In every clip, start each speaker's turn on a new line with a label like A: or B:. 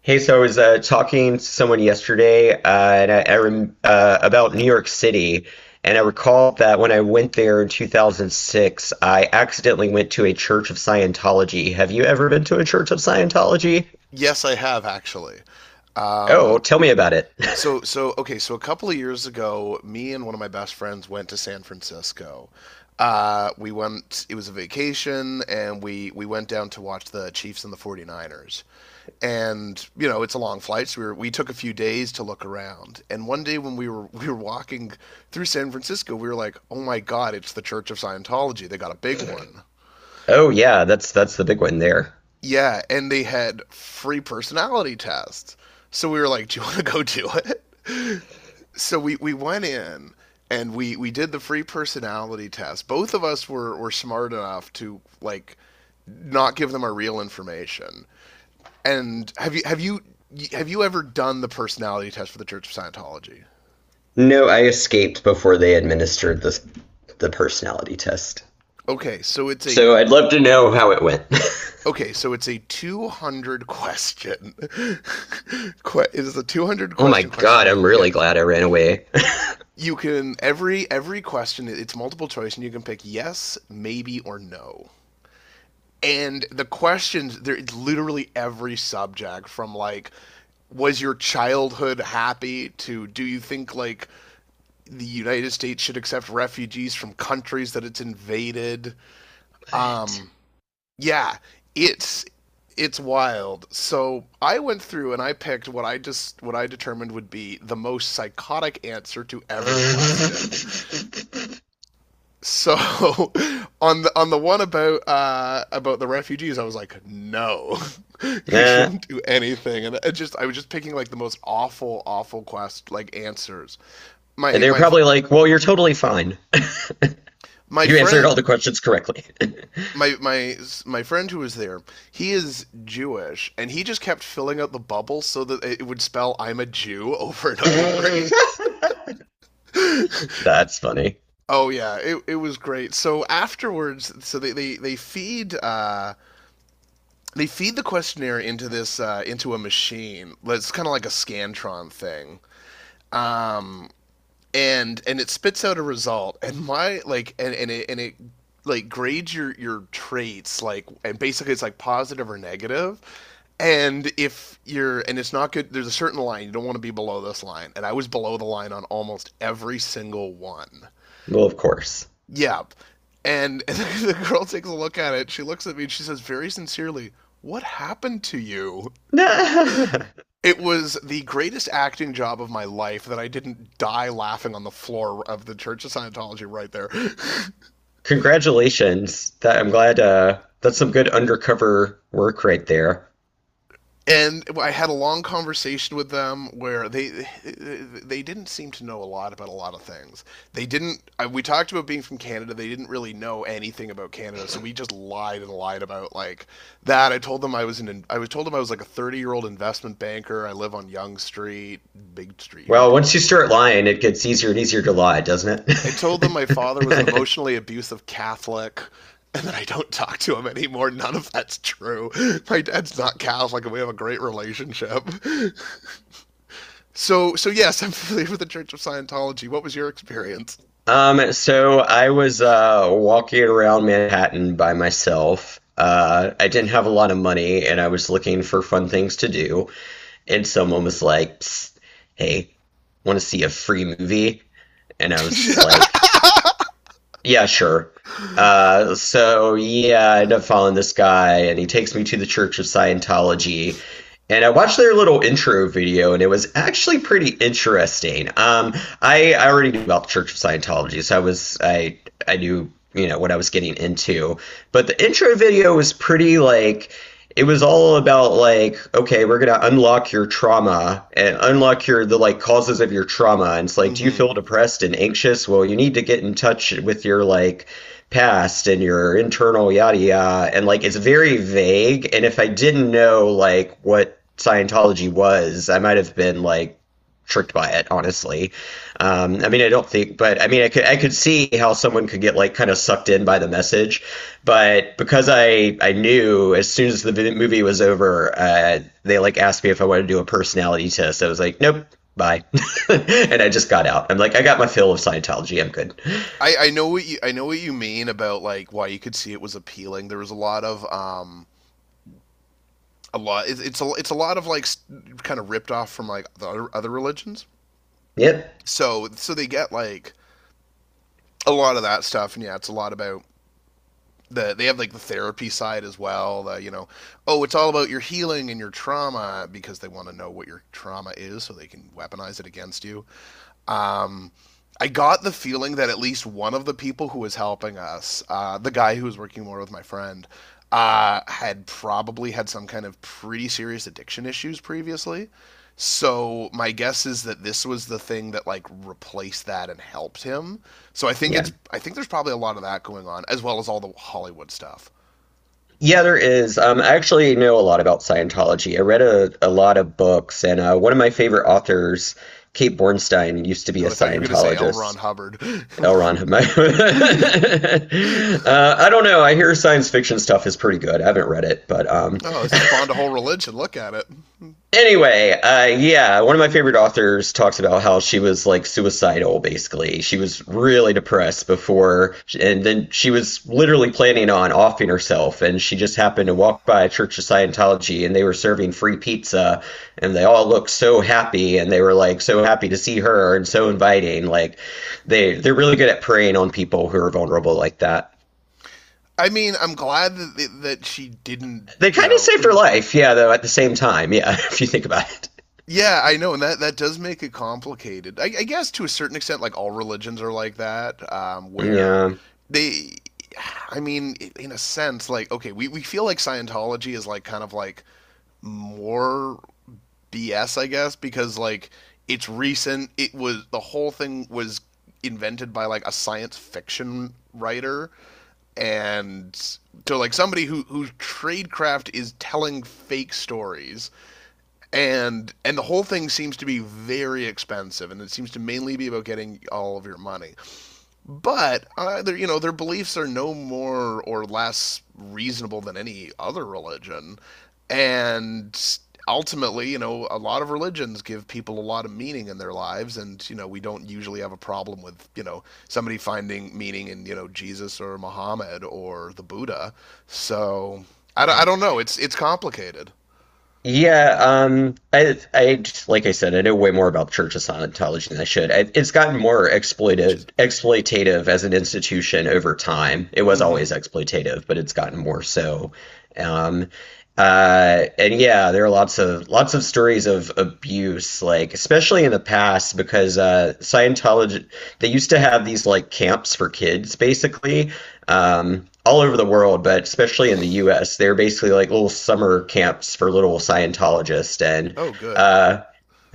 A: Hey, so I was talking to someone yesterday, and I rem about New York City, and I recall that when I went there in 2006, I accidentally went to a Church of Scientology. Have you ever been to a Church of Scientology?
B: Yes, I have actually. Um,
A: Oh, tell me about it.
B: so so okay, so a couple of years ago, me and one of my best friends went to San Francisco. We went, it was a vacation, and we went down to watch the Chiefs and the 49ers. And you know, it's a long flight, so we took a few days to look around. And one day when we were walking through San Francisco, we were like, "Oh my god, it's the Church of Scientology. They got a big one."
A: Oh, yeah, that's the big one there.
B: Yeah, and they had free personality tests. So we were like, "Do you want to go do it?" So we went in and we did the free personality test. Both of us were smart enough to like not give them our real information. And have you ever done the personality test for the Church of Scientology?
A: No, I escaped before they administered the personality test.
B: Okay, so it's a
A: So I'd love to know how it went.
B: okay, so it's a 200 question. It is a 200
A: Oh my
B: question
A: God, I'm
B: questionnaire.
A: really
B: Yes.
A: glad I ran away.
B: You can every question, it's multiple choice, and you can pick yes, maybe or no. And the questions there, it's literally every subject from like, was your childhood happy, to do you think like the United States should accept refugees from countries that it's invaded?
A: What?
B: Um yeah, it's it's wild. So I went through and I picked what I just, what I determined would be the most psychotic answer to every question.
A: Mhm.
B: So on the one about the refugees, I was like, no, he
A: Nah.
B: shouldn't do anything, and it just, I was just picking like the most awful, awful quest like answers.
A: And
B: My
A: they were
B: my
A: probably like, well, you're totally fine.
B: my
A: You answered all
B: friend.
A: the questions correctly.
B: My My friend who was there, he is Jewish, and he just kept filling out the bubble so that it would spell "I'm a Jew" over and over again.
A: That's funny.
B: Oh yeah, it was great. So afterwards, so they feed the questionnaire into this into a machine. Well, it's kind of like a scantron thing, um, and it spits out a result. And my like and it like grades your traits like and Basically it's like positive or negative. And if you're and it's not good. There's a certain line, you don't want to be below this line. And I was below the line on almost every single one.
A: Well, of course.
B: Yeah. And the girl takes a look at it. She looks at me and she says very sincerely, "What happened to you?" It was the greatest acting job of my life that I didn't die laughing on the floor of the Church of Scientology right there.
A: Congratulations. That I'm glad that's some good undercover work right there.
B: And I had a long conversation with them where they didn't seem to know a lot about a lot of things. They didn't. We talked about being from Canada. They didn't really know anything about Canada, so we just lied and lied about like that. I told them I was an I was told them I was like a 30 year old investment banker. I live on Yonge Street, big street here in
A: Well, once you
B: Toronto.
A: start lying, it gets easier and easier to lie, doesn't
B: I told them my father was an
A: it?
B: emotionally abusive Catholic and then I don't talk to him anymore. None of that's true. My dad's not Catholic, and we have a great relationship. So yes, I'm familiar with the Church of Scientology. What was your experience?
A: So I was walking around Manhattan by myself. I didn't have a lot of money, and I was looking for fun things to do. And someone was like, psst, "Hey, want to see a free movie?" And I was like, yeah, sure.
B: Hmm.
A: So yeah, I end up following this guy, and he takes me to the Church of Scientology. And I watched their little intro video, and it was actually pretty interesting. I already knew about the Church of Scientology, so I was I knew you know what I was getting into. But the intro video was pretty like it was all about like, okay, we're gonna unlock your trauma and unlock your the like causes of your trauma, and it's like, do you feel depressed and anxious? Well, you need to get in touch with your like past and your internal yada yada, and like it's very vague, and if I didn't know like what Scientology was, I might have been like tricked by it honestly. Um, I mean, I don't think, but I mean, I could see how someone could get like kind of sucked in by the message, but because I knew as soon as the movie was over, they like asked me if I wanted to do a personality test. I was like, nope, bye, and I just got out. I'm like, I got my fill of Scientology. I'm good.
B: I know what you mean about like why you could see it was appealing. There was a lot of a lot it's a lot of like kind of ripped off from like other religions.
A: Yep,
B: So they get like a lot of that stuff, and yeah, it's a lot about they have like the therapy side as well. The you know, oh, it's all about your healing and your trauma because they want to know what your trauma is so they can weaponize it against you. Um, I got the feeling that at least one of the people who was helping us, the guy who was working more with my friend, had probably had some kind of pretty serious addiction issues previously. So my guess is that this was the thing that like replaced that and helped him. So
A: yeah.
B: I think there's probably a lot of that going on as well as all the Hollywood stuff.
A: Yeah, there is. I actually know a lot about Scientology. I read a lot of books, and one of my favorite authors, Kate Bornstein, used to be a
B: Oh, I thought you were gonna say L. Ron
A: Scientologist.
B: Hubbard.
A: L. Ron
B: Oh,
A: Hubbard.
B: it
A: I don't know. I hear science fiction stuff is pretty good. I haven't read it, but
B: spawned a whole religion. Look at it.
A: anyway, yeah, one of my favorite authors talks about how she was like suicidal, basically. She was really depressed before, and then she was literally planning on offing herself, and she just happened to walk by a Church of Scientology, and they were serving free pizza, and they all looked so happy, and they were like so happy to see her and so inviting. Like they're really good at preying on people who are vulnerable like that.
B: I mean, I'm glad that she didn't.
A: They
B: You
A: kind of
B: know,
A: saved her life, yeah, though at the same time, yeah, if you think about it.
B: yeah, I know, and that that does make it complicated. I guess to a certain extent, like all religions are like that, where
A: Yeah.
B: they. I mean, in a sense, like okay, we feel like Scientology is like kind of like more BS, I guess, because like it's recent. It was the whole thing was invented by like a science fiction writer, and so like somebody who whose tradecraft is telling fake stories, and the whole thing seems to be very expensive, and it seems to mainly be about getting all of your money. But their, you know, their beliefs are no more or less reasonable than any other religion, and ultimately, you know, a lot of religions give people a lot of meaning in their lives, and you know, we don't usually have a problem with, you know, somebody finding meaning in, you know, Jesus or Muhammad or the Buddha. So I don't know, it's complicated,
A: Yeah, I just- like I said, I know way more about Church of Scientology than I should. I, it's gotten more
B: which is,
A: exploitative as an institution over time. It was always
B: mhm.
A: exploitative, but it's gotten more so. Um, and yeah, there are lots of stories of abuse, like especially in the past, because Scientology they used to have these like camps for kids, basically, all over the world, but especially in the U.S. They're basically like little summer camps for little Scientologists, and
B: Oh good.
A: uh,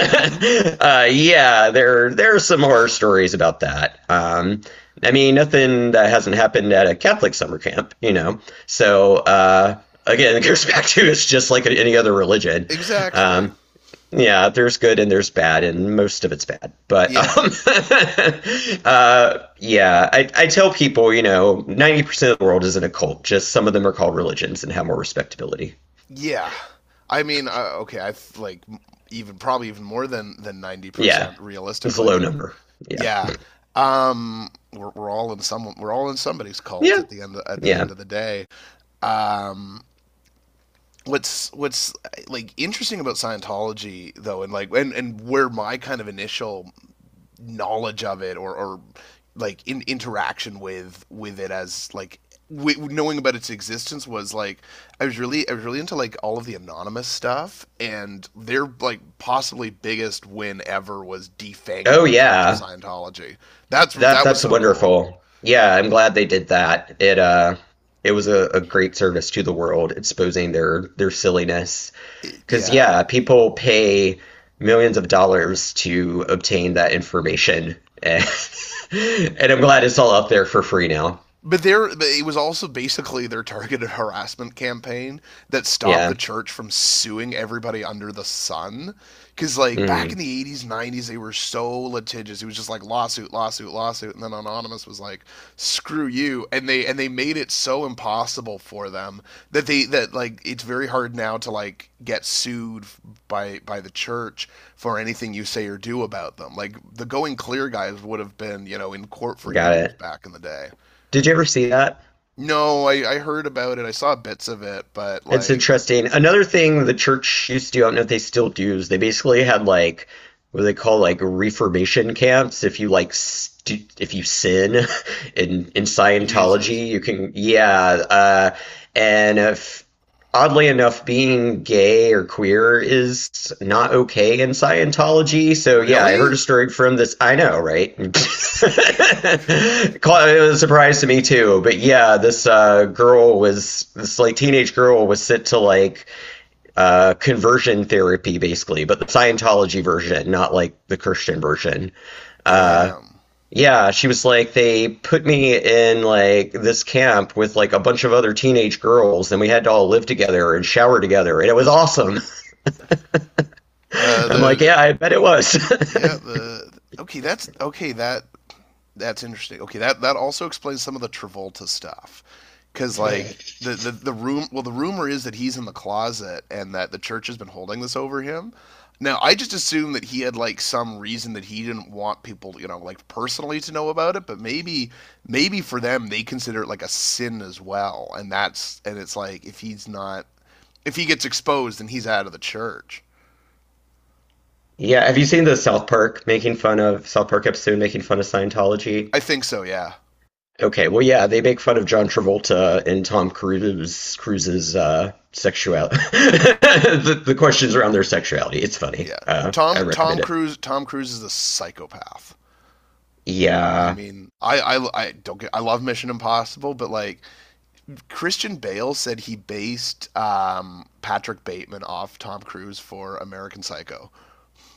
A: yeah, there are some horror stories about that. I mean, nothing that hasn't happened at a Catholic summer camp, you know. So again, it goes back to it's just like any other religion.
B: Exactly.
A: Um, yeah, there's good and there's bad, and most of it's bad. But
B: Yeah.
A: yeah, I tell people, you know, 90% of the world isn't a cult. Just some of them are called religions and have more respectability.
B: Yeah, I mean, okay, I th- like even probably even more than ninety
A: Yeah,
B: percent
A: it's a low
B: realistically.
A: number. Yeah,
B: Yeah, we're all in somebody's cult
A: yeah,
B: at at the
A: yeah.
B: end of the day. Um, what's like interesting about Scientology though, and like and where my kind of initial knowledge of it, or like in interaction with it, as like, knowing about its existence, was like, I was really into like all of the anonymous stuff, and their like possibly biggest win ever was
A: Oh
B: defanging the Church of
A: yeah,
B: Scientology. That's
A: that
B: that was
A: that's
B: so cool.
A: wonderful. Yeah, I'm glad they did that. It it was a great service to the world, exposing their silliness. Because,
B: Yeah.
A: yeah, people pay millions of dollars to obtain that information. And I'm glad it's all up there for free now.
B: But there, it was also basically their targeted harassment campaign that stopped
A: Yeah.
B: the church from suing everybody under the sun. Because like back in
A: Mm,
B: the '80s, '90s, they were so litigious. It was just like lawsuit, lawsuit, lawsuit, and then Anonymous was like, "Screw you!" And they made it so impossible for them that they that like it's very hard now to like get sued by the church for anything you say or do about them. Like the Going Clear guys would have been, you know, in court for
A: got
B: years
A: it.
B: back in the day.
A: Did you ever see that?
B: No, I heard about it. I saw bits of it, but
A: It's
B: like,
A: interesting. Another thing the church used to do, I don't know if they still do, is they basically had like what they call like reformation camps. If you like, st if you sin in
B: Jesus,
A: Scientology, you can, yeah. And if oddly enough, being gay or queer is not okay in Scientology. So yeah, I
B: really?
A: heard a story from this. I know, right? it was a surprise to me too. But yeah, this like teenage girl was sent to like conversion therapy, basically, but the Scientology version, not like the Christian version. Uh,
B: Damn.
A: yeah, she was like, they put me in like this camp with like a bunch of other teenage girls, and we had to all live together and shower together, and it was awesome. I'm like, yeah,
B: The
A: I bet it was.
B: yeah, the okay. That's okay. That That's interesting. Okay, that that also explains some of the Travolta stuff, because like the room. Well, the rumor is that he's in the closet and that the church has been holding this over him. Now, I just assumed that he had like some reason that he didn't want people, you know, like personally to know about it. But maybe, maybe for them, they consider it like a sin as well, and that's, and it's like if he's not, if he gets exposed, then he's out of the church.
A: Yeah, have you seen the South Park episode making fun of Scientology?
B: I think so. Yeah,
A: Okay, well, yeah, they make fun of John Travolta and Tom Cruise Cruise's sexuality. The questions around their sexuality. It's funny.
B: yeah.
A: I recommend it.
B: Tom Cruise is a psychopath. I
A: Yeah.
B: mean, I don't get, I love Mission Impossible, but like Christian Bale said he based Patrick Bateman off Tom Cruise for American Psycho.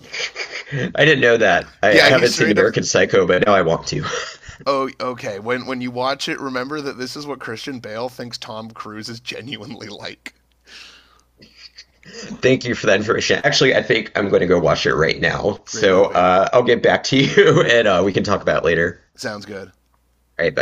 A: I didn't know that. I
B: Yeah, he
A: haven't seen
B: straight up.
A: American Psycho, but now I want to.
B: Oh, okay. When you watch it, remember that this is what Christian Bale thinks Tom Cruise is genuinely like.
A: Thank you for that information. Actually, I think I'm going to go watch it right now.
B: Great
A: So
B: movie.
A: I'll get back to you, and we can talk about it later.
B: Sounds good.
A: All right, bye.